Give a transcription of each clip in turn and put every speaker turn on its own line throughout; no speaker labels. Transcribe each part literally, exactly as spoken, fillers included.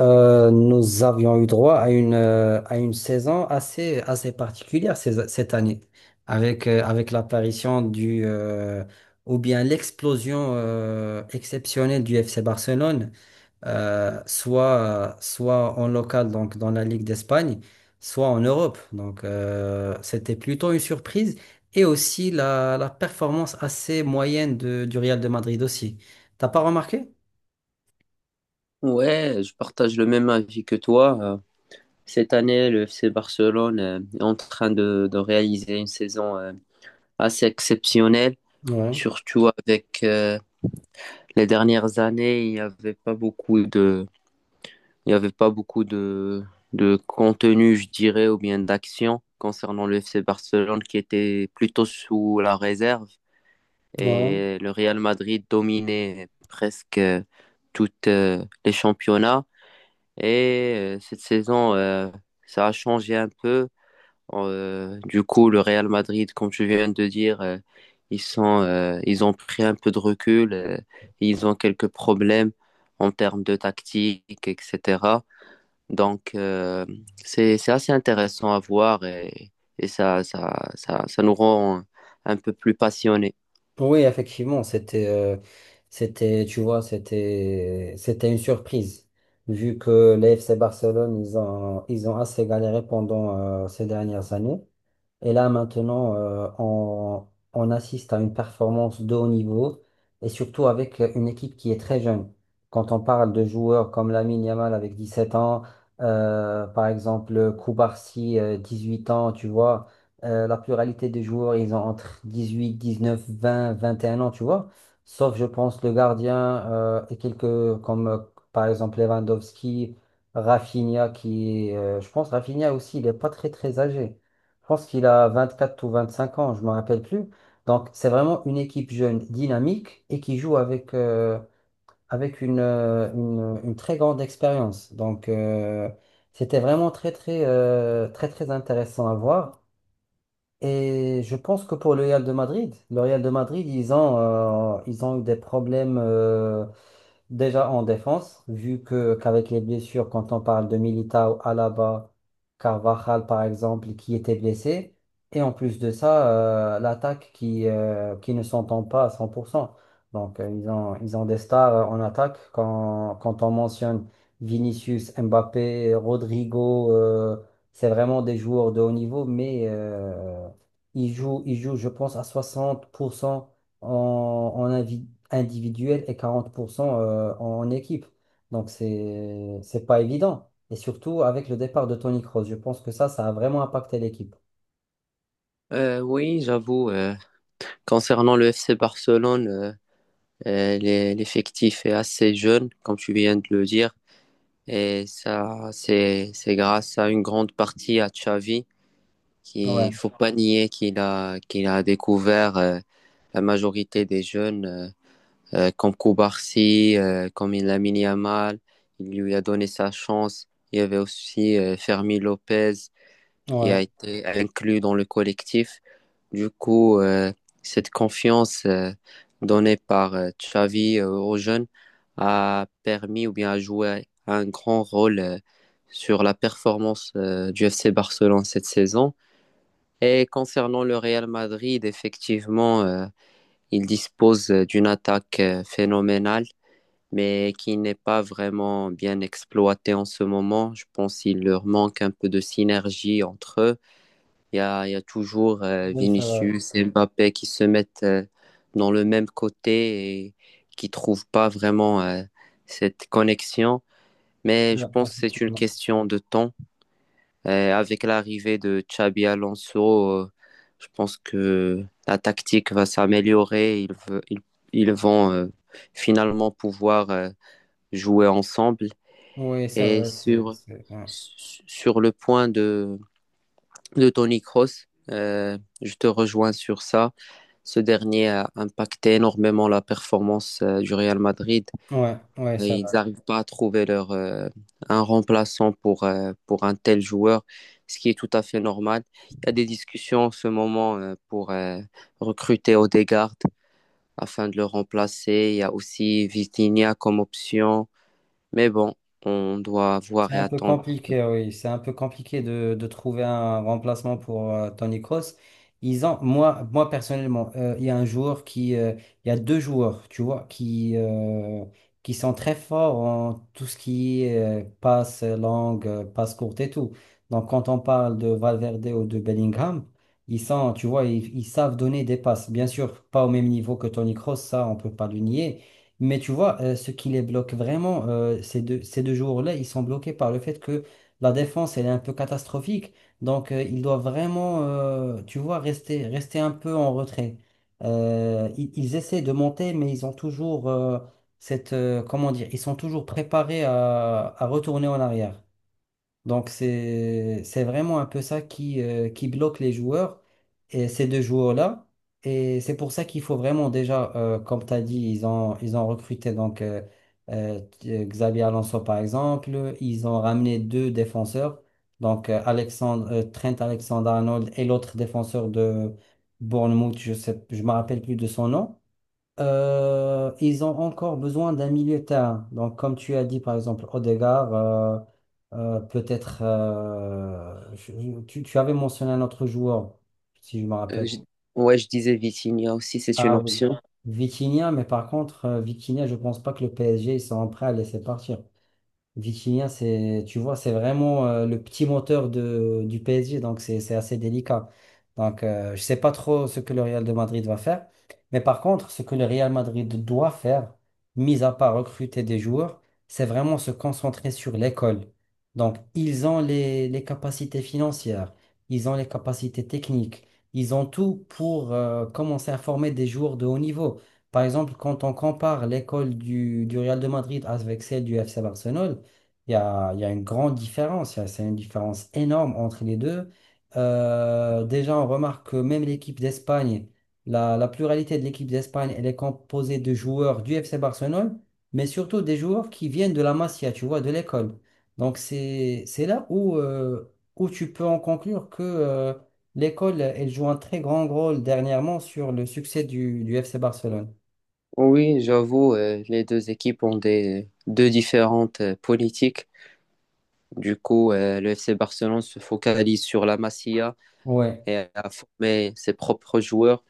Euh, nous avions eu droit à une, euh, à une saison assez, assez particulière ces- cette année, avec, euh, avec l'apparition du, euh, ou bien l'explosion euh, exceptionnelle du F C Barcelone, euh, soit, soit en local, donc dans la Ligue d'Espagne, soit en Europe. Donc, euh, c'était plutôt une surprise, et aussi la, la performance assez moyenne de- du Real de Madrid aussi. T'as pas remarqué?
Ouais, je partage le même avis que toi. Euh, Cette année, le F C Barcelone euh, est en train de, de réaliser une saison euh, assez exceptionnelle,
Ouais,
surtout avec euh, les dernières années, il n'y avait pas beaucoup de, il y avait pas beaucoup de, de contenu, je dirais, ou bien d'action concernant le F C Barcelone qui était plutôt sous la réserve
ouais.
et le Real Madrid dominait presque euh, toutes euh, les championnats. Et euh, cette saison, euh, ça a changé un peu. Euh, du coup, le Real Madrid, comme tu viens de dire, euh, ils sont, euh, ils ont pris un peu de recul. euh, ils ont quelques problèmes en termes de tactique, et cetera. Donc, euh, c'est, c'est assez intéressant à voir, et, et, ça, ça, ça, ça nous rend un peu plus passionnés.
Oui, effectivement, c'était, euh, c'était, tu vois, c'était, c'était une surprise, vu que l'A F C Barcelone, ils ont, ils ont assez galéré pendant euh, ces dernières années. Et là, maintenant, euh, on, on assiste à une performance de haut niveau et surtout avec une équipe qui est très jeune. Quand on parle de joueurs comme Lamine Yamal avec dix sept ans, euh, par exemple Koubarsi, euh, huit ans, tu vois, euh, la pluralité des joueurs, ils ont entre dix dix huit, neuf, vingt, vingt et un ans, tu vois. Sauf, je pense, le gardien, euh, et quelques comme euh, par exemple Lewandowski, Rafinha qui, est, euh, je pense, Rafinha aussi, il n'est pas très très âgé. Je pense qu'il a vingt-quatre ou vingt-cinq ans, je me rappelle plus. Donc, c'est vraiment une équipe jeune, dynamique et qui joue avec, euh, avec une, euh, une, une très grande expérience. Donc, euh, c'était vraiment très, très, euh, très, très intéressant à voir. Et je pense que pour le Real de Madrid, le Real de Madrid, ils ont, euh, ils ont eu des problèmes. euh, Déjà en défense, vu que qu'avec les blessures, quand on parle de Militao, Alaba, Carvajal par exemple, qui étaient blessés, et en plus de ça, euh, l'attaque qui, euh, qui ne s'entend pas à cent pour cent. Donc, euh, ils ont, ils ont des stars euh, en attaque. Quand, quand on mentionne Vinicius, Mbappé, Rodrigo, euh, c'est vraiment des joueurs de haut niveau, mais euh, ils jouent, ils jouent, je pense, à soixante pour cent en, en, invi- individuel et quarante pour cent euh, en équipe. Donc c'est c'est pas évident. Et surtout avec le départ de Tony Kroos, je pense que ça, ça a vraiment impacté l'équipe.
Euh, oui, j'avoue, euh, concernant le F C Barcelone. Euh, les- L'effectif est assez jeune, comme tu viens de le dire, et ça, c'est c'est grâce à une grande partie à Xavi,
Ouais,
qui faut pas nier qu'il a qu'il a découvert euh, la majorité des jeunes, euh, euh, comme Koubarsi, euh, comme Lamine Yamal, il lui a donné sa chance. Il y avait aussi euh, Fermi Lopez, qui a
ouais,
été inclus dans le collectif. Du coup, euh, cette confiance euh, donnée par euh, Xavi euh, aux jeunes a permis ou bien a joué un grand rôle euh, sur la performance euh, du F C Barcelone cette saison. Et concernant le Real Madrid, effectivement, euh, il dispose euh, d'une attaque euh, phénoménale, mais qui n'est pas vraiment bien exploitée en ce moment. Je pense qu'il leur manque un peu de synergie entre eux. Il y a, il y a toujours euh,
oui, c'est vrai.
Vinicius et Mbappé qui se mettent euh, dans le même côté et qui trouvent pas vraiment euh, cette connexion. Mais je
Ouais,
pense que c'est une
effectivement.
question de temps. Euh, avec l'arrivée de Xabi Alonso, euh, je pense que la tactique va s'améliorer. Ils, ve- ils, ils vont euh, finalement pouvoir euh, jouer ensemble.
Oui, c'est
Et
vrai, c'est,
sur,
c'est- ouais,
sur le point de de Tony Kroos. Euh, je te rejoins sur ça. Ce dernier a impacté énormément la performance euh, du Real Madrid.
ouais, ouais,
Et
c'est.
ils n'arrivent pas à trouver leur, euh, un remplaçant pour, euh, pour un tel joueur, ce qui est tout à fait normal. Il y a des discussions en ce moment euh, pour euh, recruter Odegaard afin de le remplacer. Il y a aussi Vitinha comme option. Mais bon, on doit voir
C'est
et
un peu
attendre.
compliqué, oui. C'est un peu compliqué de, de trouver un remplacement pour euh, Tony Kroos. Ils ont, moi, moi personnellement, euh, il y a un joueur qui, euh, il y a deux joueurs, tu vois, qui, euh, qui sont très forts en tout ce qui est euh, passe longue, euh, passe courte et tout. Donc, quand on parle de Valverde ou de Bellingham, ils sont, tu vois, ils, ils savent donner des passes. Bien sûr, pas au même niveau que Tony Kroos, ça, on peut pas le nier. Mais tu vois, euh, ce qui les bloque vraiment, euh, ces deux, ces deux jours-là, ils sont bloqués par le fait que la défense, elle est un peu catastrophique. Donc, euh, ils doivent vraiment, euh, tu vois, rester, rester un peu en retrait. Euh, ils, ils essaient de monter, mais ils ont toujours euh, cette, euh, comment dire, ils sont toujours préparés à, à retourner en arrière. Donc, c'est, c'est vraiment un peu ça qui, euh, qui bloque les joueurs, et ces deux joueurs-là. Et c'est pour ça qu'il faut vraiment déjà, euh, comme tu as dit, ils ont, ils ont recruté donc, euh, euh, t- euh, Xabi Alonso, par exemple. Ils ont ramené deux défenseurs, donc euh, Alexandre, euh, Trent Alexander-Arnold et l'autre défenseur de Bournemouth, je sais, je me rappelle plus de son nom. Euh, ils ont encore besoin d'un milieu de terrain. Donc, comme tu as dit, par exemple, Odegaard, euh, euh, peut-être. Euh, je- je- tu, tu avais mentionné un autre joueur, si je me
Euh,
rappelle.
je- ouais, je disais Vitinha aussi, c'est une
Ah oui,
option.
Vitinha. Mais par contre, euh, Vitinha, je pense pas que le P S G ils sont prêts à laisser partir. Vitinha, c'est, tu vois, c'est vraiment euh, le petit moteur de, du P S G, donc c'est c'est assez délicat. Donc, euh, je sais pas trop ce que le Real de Madrid va faire. Mais par contre, ce que le Real Madrid doit faire, mis à part recruter des joueurs, c'est vraiment se concentrer sur l'école. Donc, ils ont les, les capacités financières, ils ont les capacités techniques, ils ont tout pour euh, commencer à former des joueurs de haut niveau. Par exemple, quand on compare l'école du, du Real de Madrid avec celle du F C Barcelone, il y a, il y a une grande différence. Il y a- c'est une différence énorme entre les deux. Euh, déjà, on remarque que même l'équipe d'Espagne, la, la pluralité de l'équipe d'Espagne, elle est composée de joueurs du F C Barcelone, mais surtout des joueurs qui viennent de la Masia, tu vois, de l'école. Donc, c'est, c'est là où, euh, où tu peux en conclure que euh, l'école, elle joue un très grand rôle dernièrement sur le succès du, du F C Barcelone.
Oui, j'avoue, euh, les deux équipes ont des deux différentes euh, politiques. Du coup, euh, le F C Barcelone se focalise sur la Masia
Ouais,
et à former ses propres joueurs.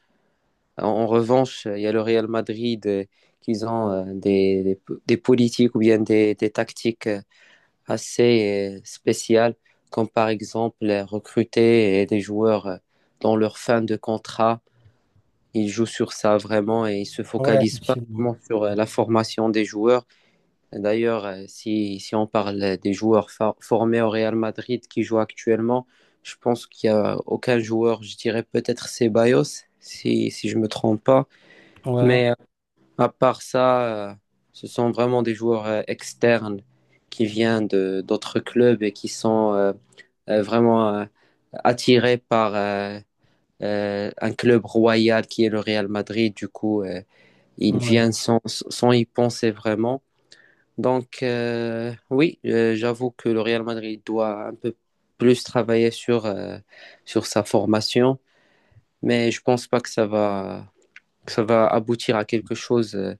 En, en revanche, il y a le Real Madrid euh, qui ont euh, des, des, des politiques ou bien des, des tactiques euh, assez euh, spéciales, comme par exemple euh, recruter euh, des joueurs euh, dans leur fin de contrat. Ils jouent sur ça vraiment et ils se
ouais,
focalisent pas
effectivement.
vraiment sur euh, la formation des joueurs. D'ailleurs, euh, si, si on parle des joueurs fa- formés au Real Madrid qui jouent actuellement, je pense qu'il n'y a aucun joueur, je dirais peut-être Ceballos, si, si je ne me trompe pas.
Ouais,
Mais euh, à part ça, euh, ce sont vraiment des joueurs euh, externes qui viennent de d'autres clubs et qui sont euh, euh, vraiment euh, attirés par euh, euh, un club royal qui est le Real Madrid. Du coup, euh, ils viennent
ouais,
sans, sans y penser vraiment. Donc, euh, oui, euh, j'avoue que le Real Madrid doit un peu plus travailler sur, euh, sur sa formation, mais je pense pas que ça va, que ça va aboutir à quelque chose euh,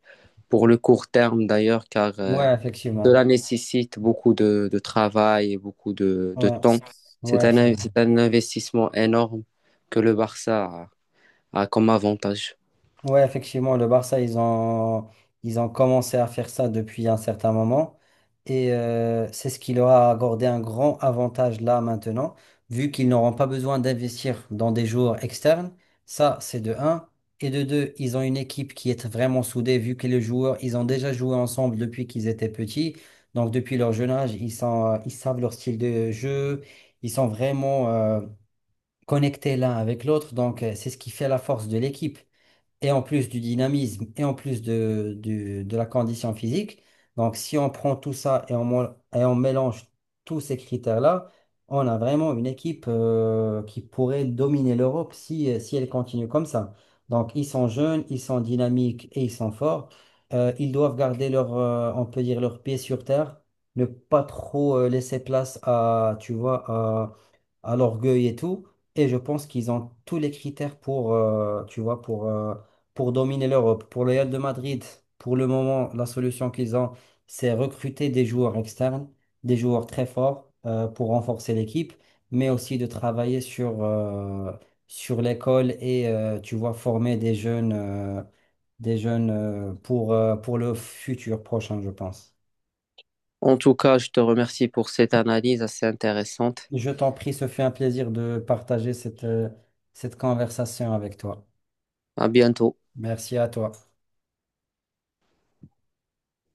pour le court terme d'ailleurs, car euh,
ouais,
cela
effectivement.
nécessite beaucoup de, de travail et beaucoup de, de
Ouais,
temps. C'est
ouais,
un,
c'est
in-
vrai.
c'est un investissement énorme que le Barça a, a comme avantage.
Ouais, effectivement, le Barça, ils ont, ils ont commencé à faire ça depuis un certain moment. Et euh, c'est ce qui leur a accordé un grand avantage là maintenant, vu qu'ils n'auront pas besoin d'investir dans des joueurs externes. Ça, c'est de un. Et de deux, ils ont une équipe qui est vraiment soudée, vu que les joueurs, ils ont déjà joué ensemble depuis qu'ils étaient petits. Donc, depuis leur jeune âge, ils sont, euh, ils savent leur style de jeu. Ils sont vraiment... euh, connectés l'un avec l'autre. Donc, euh, c'est ce qui fait la force de l'équipe. Et en plus du dynamisme, et en plus de, du- de la condition physique. Donc, si on prend tout ça et on, mo- et on mélange tous ces critères-là, on a vraiment une équipe euh, qui pourrait dominer l'Europe si, euh, si elle continue comme ça. Donc, ils sont jeunes, ils sont dynamiques et ils sont forts. Euh, ils doivent garder leur, euh, on peut dire, leurs pieds sur terre, ne pas trop euh, laisser place à, tu vois, à l'orgueil et tout. Et je pense qu'ils ont tous les critères pour, euh, tu vois, pour, euh, pour dominer l'Europe. Pour le Real de Madrid, pour le moment, la solution qu'ils ont, c'est recruter des joueurs externes, des joueurs très forts euh, pour renforcer l'équipe, mais aussi de travailler sur, euh, sur l'école et, euh, tu vois, former des jeunes, euh, des jeunes euh, pour, euh, pour le futur prochain, je pense.
En tout cas, je te remercie pour cette analyse assez intéressante.
Je t'en prie, ce fut un plaisir de partager cette, euh, cette conversation avec toi.
À bientôt.
Merci à toi.